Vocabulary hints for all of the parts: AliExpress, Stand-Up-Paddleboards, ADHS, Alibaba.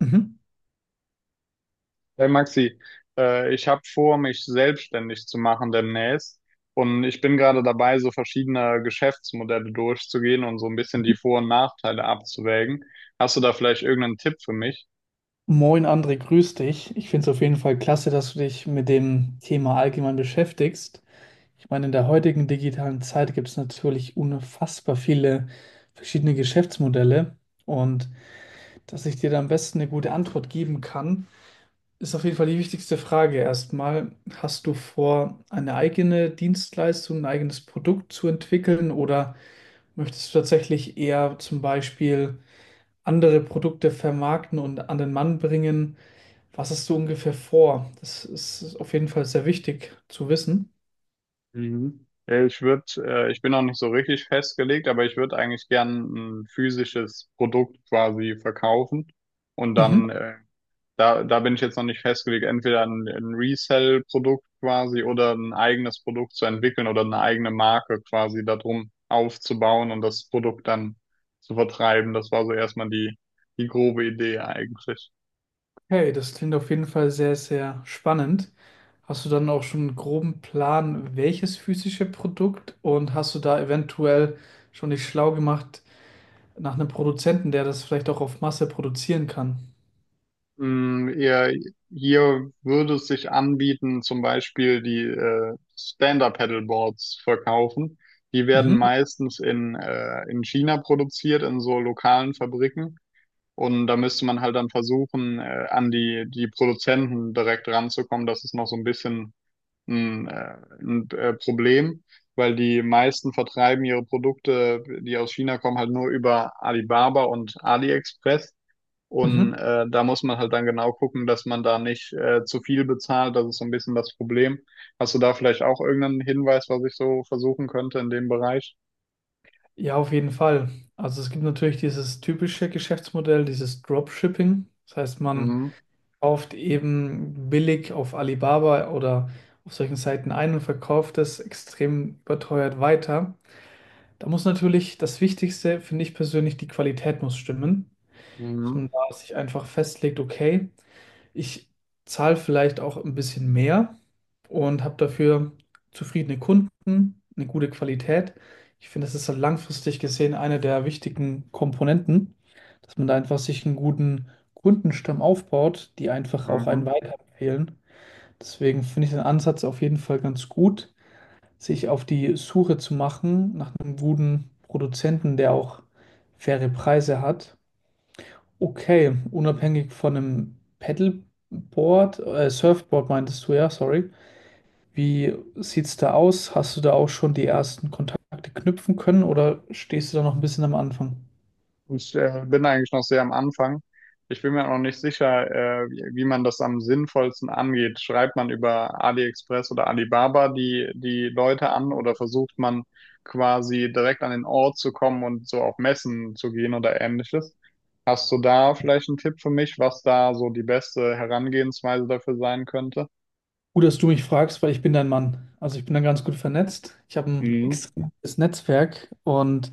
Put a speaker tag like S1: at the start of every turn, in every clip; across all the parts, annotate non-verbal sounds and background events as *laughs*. S1: Mhm.
S2: Hey Maxi, ich habe vor, mich selbstständig zu machen demnächst, und ich bin gerade dabei, so verschiedene Geschäftsmodelle durchzugehen und so ein bisschen die Vor- und Nachteile abzuwägen. Hast du da vielleicht irgendeinen Tipp für mich?
S1: Moin André, grüß dich. Ich finde es auf jeden Fall klasse, dass du dich mit dem Thema allgemein beschäftigst. Ich meine, in der heutigen digitalen Zeit gibt es natürlich unfassbar viele verschiedene Geschäftsmodelle und dass ich dir da am besten eine gute Antwort geben kann, ist auf jeden Fall die wichtigste Frage. Erstmal, hast du vor, eine eigene Dienstleistung, ein eigenes Produkt zu entwickeln oder möchtest du tatsächlich eher zum Beispiel andere Produkte vermarkten und an den Mann bringen? Was hast du ungefähr vor? Das ist auf jeden Fall sehr wichtig zu wissen.
S2: Mhm. Ja, ich würde, ich bin noch nicht so richtig festgelegt, aber ich würde eigentlich gern ein physisches Produkt quasi verkaufen und
S1: Mhm.
S2: dann da, bin ich jetzt noch nicht festgelegt, entweder ein Resell-Produkt quasi oder ein eigenes Produkt zu entwickeln oder eine eigene Marke quasi darum aufzubauen und das Produkt dann zu vertreiben. Das war so erstmal die, die grobe Idee eigentlich.
S1: Okay, das klingt auf jeden Fall sehr, sehr spannend. Hast du dann auch schon einen groben Plan, welches physische Produkt und hast du da eventuell schon dich schlau gemacht nach einem Produzenten, der das vielleicht auch auf Masse produzieren kann?
S2: Mm, ihr, hier würde es sich anbieten, zum Beispiel die Stand-Up-Paddleboards verkaufen. Die werden
S1: Mhm.
S2: meistens in China produziert, in so lokalen Fabriken. Und da müsste man halt dann versuchen, an die, die Produzenten direkt ranzukommen. Das ist noch so ein bisschen ein Problem, weil die meisten vertreiben ihre Produkte, die aus China kommen, halt nur über Alibaba und AliExpress. Und
S1: Mhm.
S2: da muss man halt dann genau gucken, dass man da nicht zu viel bezahlt. Das ist so ein bisschen das Problem. Hast du da vielleicht auch irgendeinen Hinweis, was ich so versuchen könnte in dem Bereich?
S1: Ja, auf jeden Fall. Also es gibt natürlich dieses typische Geschäftsmodell, dieses Dropshipping. Das heißt, man
S2: Mhm.
S1: kauft eben billig auf Alibaba oder auf solchen Seiten ein und verkauft es extrem überteuert weiter. Da muss natürlich das Wichtigste, finde ich persönlich, die Qualität muss stimmen, dass man
S2: Mhm.
S1: da sich einfach festlegt, okay, ich zahle vielleicht auch ein bisschen mehr und habe dafür zufriedene Kunden, eine gute Qualität. Ich finde, das ist halt langfristig gesehen eine der wichtigen Komponenten, dass man da einfach sich einen guten Kundenstamm aufbaut, die einfach auch einen
S2: Mhm.
S1: weiterempfehlen. Deswegen finde ich den Ansatz auf jeden Fall ganz gut, sich auf die Suche zu machen nach einem guten Produzenten, der auch faire Preise hat. Okay, unabhängig von einem Paddleboard, Surfboard meintest du ja, sorry. Wie sieht's da aus? Hast du da auch schon die ersten Kontakte knüpfen können oder stehst du da noch ein bisschen am Anfang?
S2: Ich bin eigentlich noch sehr am Anfang. Ich bin mir auch noch nicht sicher, wie, wie man das am sinnvollsten angeht. Schreibt man über AliExpress oder Alibaba die, die Leute an oder versucht man quasi direkt an den Ort zu kommen und so auf Messen zu gehen oder ähnliches? Hast du da vielleicht einen Tipp für mich, was da so die beste Herangehensweise dafür sein könnte?
S1: Gut, dass du mich fragst, weil ich bin dein Mann. Also ich bin da ganz gut vernetzt. Ich habe ein
S2: Mhm.
S1: extremes Netzwerk und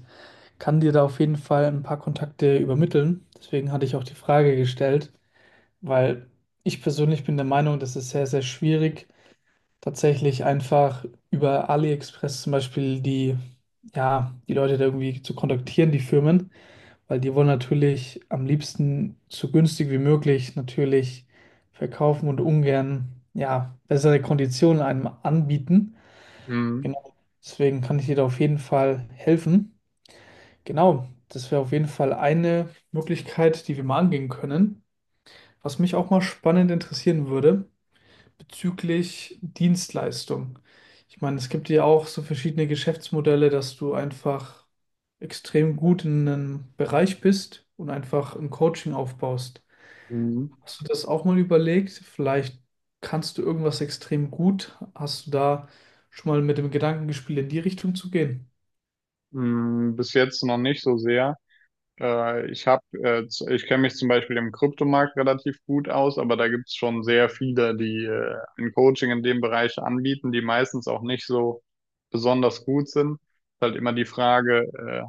S1: kann dir da auf jeden Fall ein paar Kontakte übermitteln. Deswegen hatte ich auch die Frage gestellt, weil ich persönlich bin der Meinung, das ist sehr, sehr schwierig tatsächlich einfach über AliExpress zum Beispiel die, ja, die Leute da irgendwie zu kontaktieren, die Firmen, weil die wollen natürlich am liebsten so günstig wie möglich natürlich verkaufen und ungern, ja, bessere Konditionen einem anbieten.
S2: Mhm.
S1: Genau, deswegen kann ich dir da auf jeden Fall helfen. Genau, das wäre auf jeden Fall eine Möglichkeit, die wir mal angehen können. Was mich auch mal spannend interessieren würde, bezüglich Dienstleistung. Ich meine, es gibt ja auch so verschiedene Geschäftsmodelle, dass du einfach extrem gut in einem Bereich bist und einfach ein Coaching aufbaust.
S2: Mhm.
S1: Hast du das auch mal überlegt? Vielleicht kannst du irgendwas extrem gut. Hast du da schon mal mit dem Gedanken gespielt, in die Richtung zu gehen?
S2: Mhm. Bis jetzt noch nicht so sehr. Ich habe, ich kenne mich zum Beispiel im Kryptomarkt relativ gut aus, aber da gibt es schon sehr viele, die ein Coaching in dem Bereich anbieten, die meistens auch nicht so besonders gut sind. Ist halt immer die Frage,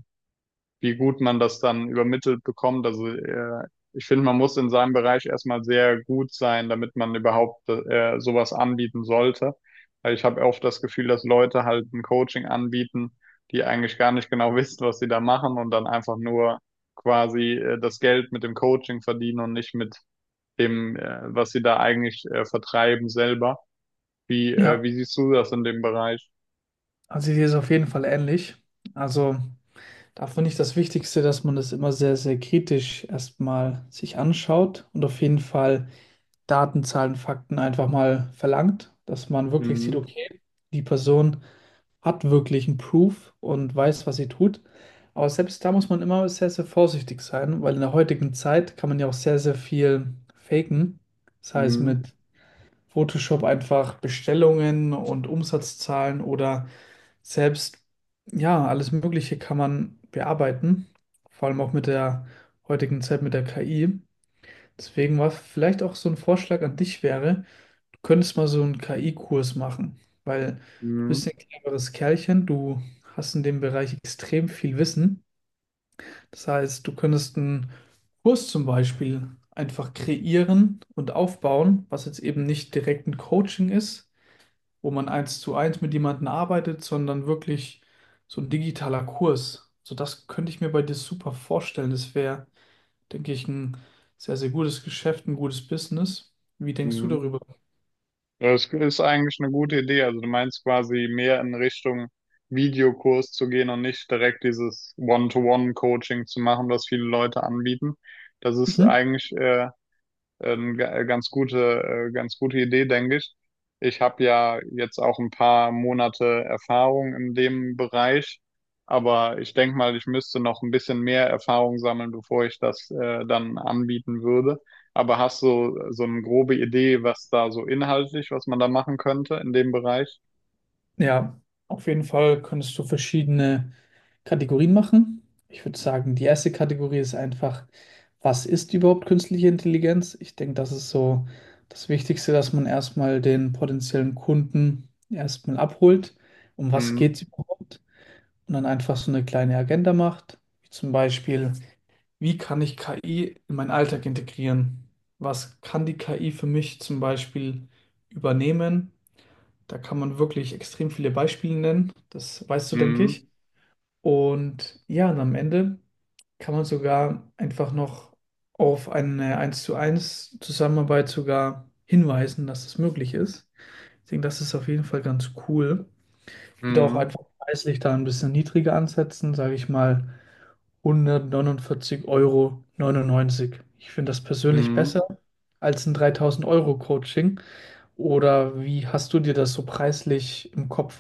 S2: wie gut man das dann übermittelt bekommt. Also ich finde, man muss in seinem Bereich erstmal sehr gut sein, damit man überhaupt sowas anbieten sollte. Weil ich habe oft das Gefühl, dass Leute halt ein Coaching anbieten, die eigentlich gar nicht genau *laughs* wissen, was sie da machen und dann einfach nur quasi das Geld mit dem Coaching verdienen und nicht mit dem, was sie da eigentlich vertreiben selber. Wie,
S1: Ja,
S2: wie siehst du das in dem Bereich?
S1: also hier ist auf jeden Fall ähnlich. Also da finde ich das Wichtigste, dass man das immer sehr, sehr kritisch erstmal sich anschaut und auf jeden Fall Daten, Zahlen, Fakten einfach mal verlangt, dass man wirklich sieht,
S2: Mhm.
S1: okay, die Person hat wirklich einen Proof und weiß, was sie tut. Aber selbst da muss man immer sehr, sehr vorsichtig sein, weil in der heutigen Zeit kann man ja auch sehr, sehr viel faken. Das heißt,
S2: Mhm.
S1: mit Photoshop einfach Bestellungen und Umsatzzahlen oder selbst, ja, alles Mögliche kann man bearbeiten. Vor allem auch mit der heutigen Zeit mit der KI. Deswegen war vielleicht auch so ein Vorschlag an dich wäre, könntest mal so einen KI-Kurs machen, weil du bist
S2: Mhm.
S1: ein cleveres Kerlchen, du hast in dem Bereich extrem viel Wissen. Das heißt, du könntest einen Kurs zum Beispiel einfach kreieren und aufbauen, was jetzt eben nicht direkt ein Coaching ist, wo man eins zu eins mit jemandem arbeitet, sondern wirklich so ein digitaler Kurs. So das könnte ich mir bei dir super vorstellen. Das wäre, denke ich, ein sehr, sehr gutes Geschäft, ein gutes Business. Wie denkst du
S2: Mhm.
S1: darüber?
S2: Ja, das ist eigentlich eine gute Idee. Also du meinst quasi mehr in Richtung Videokurs zu gehen und nicht direkt dieses One-to-One-Coaching zu machen, was viele Leute anbieten. Das ist
S1: Mhm.
S2: eigentlich ganz ganz gute Idee, denke ich. Ich habe ja jetzt auch ein paar Monate Erfahrung in dem Bereich, aber ich denke mal, ich müsste noch ein bisschen mehr Erfahrung sammeln, bevor ich das dann anbieten würde. Aber hast du so eine grobe Idee, was da so inhaltlich, was man da machen könnte in dem Bereich?
S1: Ja, auf jeden Fall könntest du verschiedene Kategorien machen. Ich würde sagen, die erste Kategorie ist einfach, was ist überhaupt künstliche Intelligenz? Ich denke, das ist so das Wichtigste, dass man erstmal den potenziellen Kunden erstmal abholt, um was geht es
S2: Mhm.
S1: überhaupt? Und dann einfach so eine kleine Agenda macht, wie zum Beispiel, wie kann ich KI in meinen Alltag integrieren? Was kann die KI für mich zum Beispiel übernehmen? Da kann man wirklich extrem viele Beispiele nennen. Das weißt du, denke
S2: Mhm.
S1: ich. Und ja, und am Ende kann man sogar einfach noch auf eine eins zu eins Zusammenarbeit sogar hinweisen, dass das möglich ist. Ich denke, das ist auf jeden Fall ganz cool. Ich würde auch
S2: Mhm.
S1: einfach preislich da ein bisschen niedriger ansetzen, sage ich mal 149,99 Euro neunundneunzig. Ich finde das persönlich
S2: Mhm.
S1: besser als ein 3000 Euro Coaching. Oder wie hast du dir das so preislich im Kopf?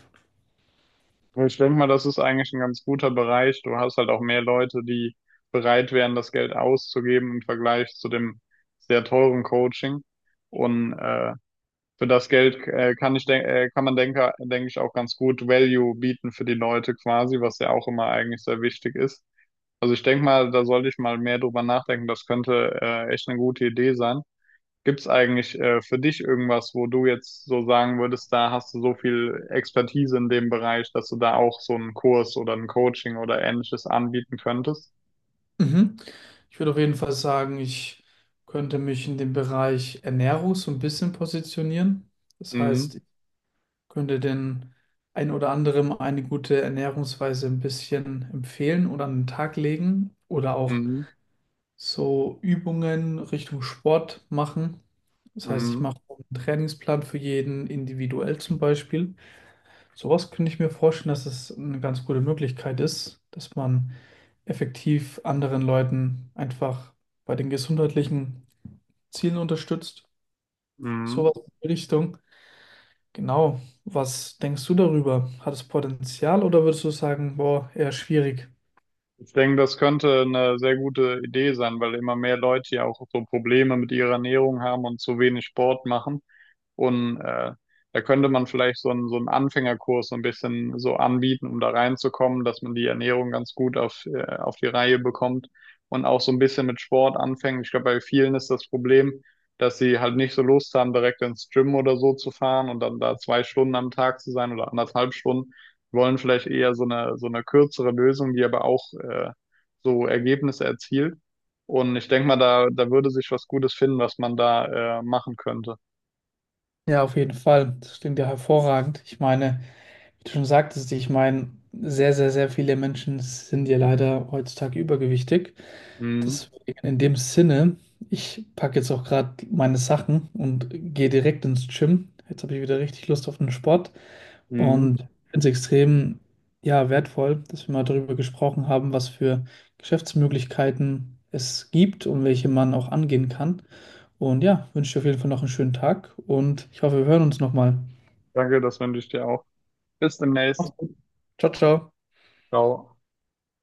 S2: Ich denke mal, das ist eigentlich ein ganz guter Bereich. Du hast halt auch mehr Leute, die bereit wären, das Geld auszugeben im Vergleich zu dem sehr teuren Coaching. Und für das Geld kann man denke ich auch ganz gut Value bieten für die Leute quasi, was ja auch immer eigentlich sehr wichtig ist. Also ich denke mal, da sollte ich mal mehr drüber nachdenken. Das könnte echt eine gute Idee sein. Gibt's eigentlich für dich irgendwas, wo du jetzt so sagen würdest, da hast du so viel Expertise in dem Bereich, dass du da auch so einen Kurs oder ein Coaching oder ähnliches anbieten könntest?
S1: Mhm. Ich würde auf jeden Fall sagen, ich könnte mich in dem Bereich Ernährung so ein bisschen positionieren. Das heißt,
S2: Mhm.
S1: ich könnte den ein oder anderem eine gute Ernährungsweise ein bisschen empfehlen oder an den Tag legen oder auch
S2: Mhm.
S1: so Übungen Richtung Sport machen. Das heißt, ich
S2: Mhm.
S1: mache einen Trainingsplan für jeden individuell zum Beispiel. Sowas könnte ich mir vorstellen, dass es eine ganz gute Möglichkeit ist, dass man effektiv anderen Leuten einfach bei den gesundheitlichen Zielen unterstützt.
S2: Mhm.
S1: Sowas in die Richtung. Genau. Was denkst du darüber? Hat es Potenzial oder würdest du sagen, boah, eher schwierig?
S2: Ich denke, das könnte eine sehr gute Idee sein, weil immer mehr Leute ja auch so Probleme mit ihrer Ernährung haben und zu wenig Sport machen. Und da könnte man vielleicht so einen Anfängerkurs so ein bisschen so anbieten, um da reinzukommen, dass man die Ernährung ganz gut auf die Reihe bekommt und auch so ein bisschen mit Sport anfängt. Ich glaube, bei vielen ist das Problem, dass sie halt nicht so Lust haben, direkt ins Gym oder so zu fahren und dann da 2 Stunden am Tag zu sein oder 1,5 Stunden. Wollen vielleicht eher so eine kürzere Lösung, die aber auch so Ergebnisse erzielt. Und ich denke mal, da, da würde sich was Gutes finden, was man da machen könnte.
S1: Ja, auf jeden Fall. Das klingt ja hervorragend. Ich meine, wie du schon sagtest, ich meine, sehr, sehr, sehr viele Menschen sind ja leider heutzutage übergewichtig.
S2: Mhm.
S1: Deswegen in dem Sinne, ich packe jetzt auch gerade meine Sachen und gehe direkt ins Gym. Jetzt habe ich wieder richtig Lust auf den Sport
S2: Mhm.
S1: und finde es extrem, ja, wertvoll, dass wir mal darüber gesprochen haben, was für Geschäftsmöglichkeiten es gibt und welche man auch angehen kann. Und ja, wünsche dir auf jeden Fall noch einen schönen Tag und ich hoffe, wir hören uns nochmal.
S2: Danke, das wünsche ich dir auch. Bis
S1: Mach's
S2: demnächst.
S1: gut. Ciao, ciao.
S2: Ciao.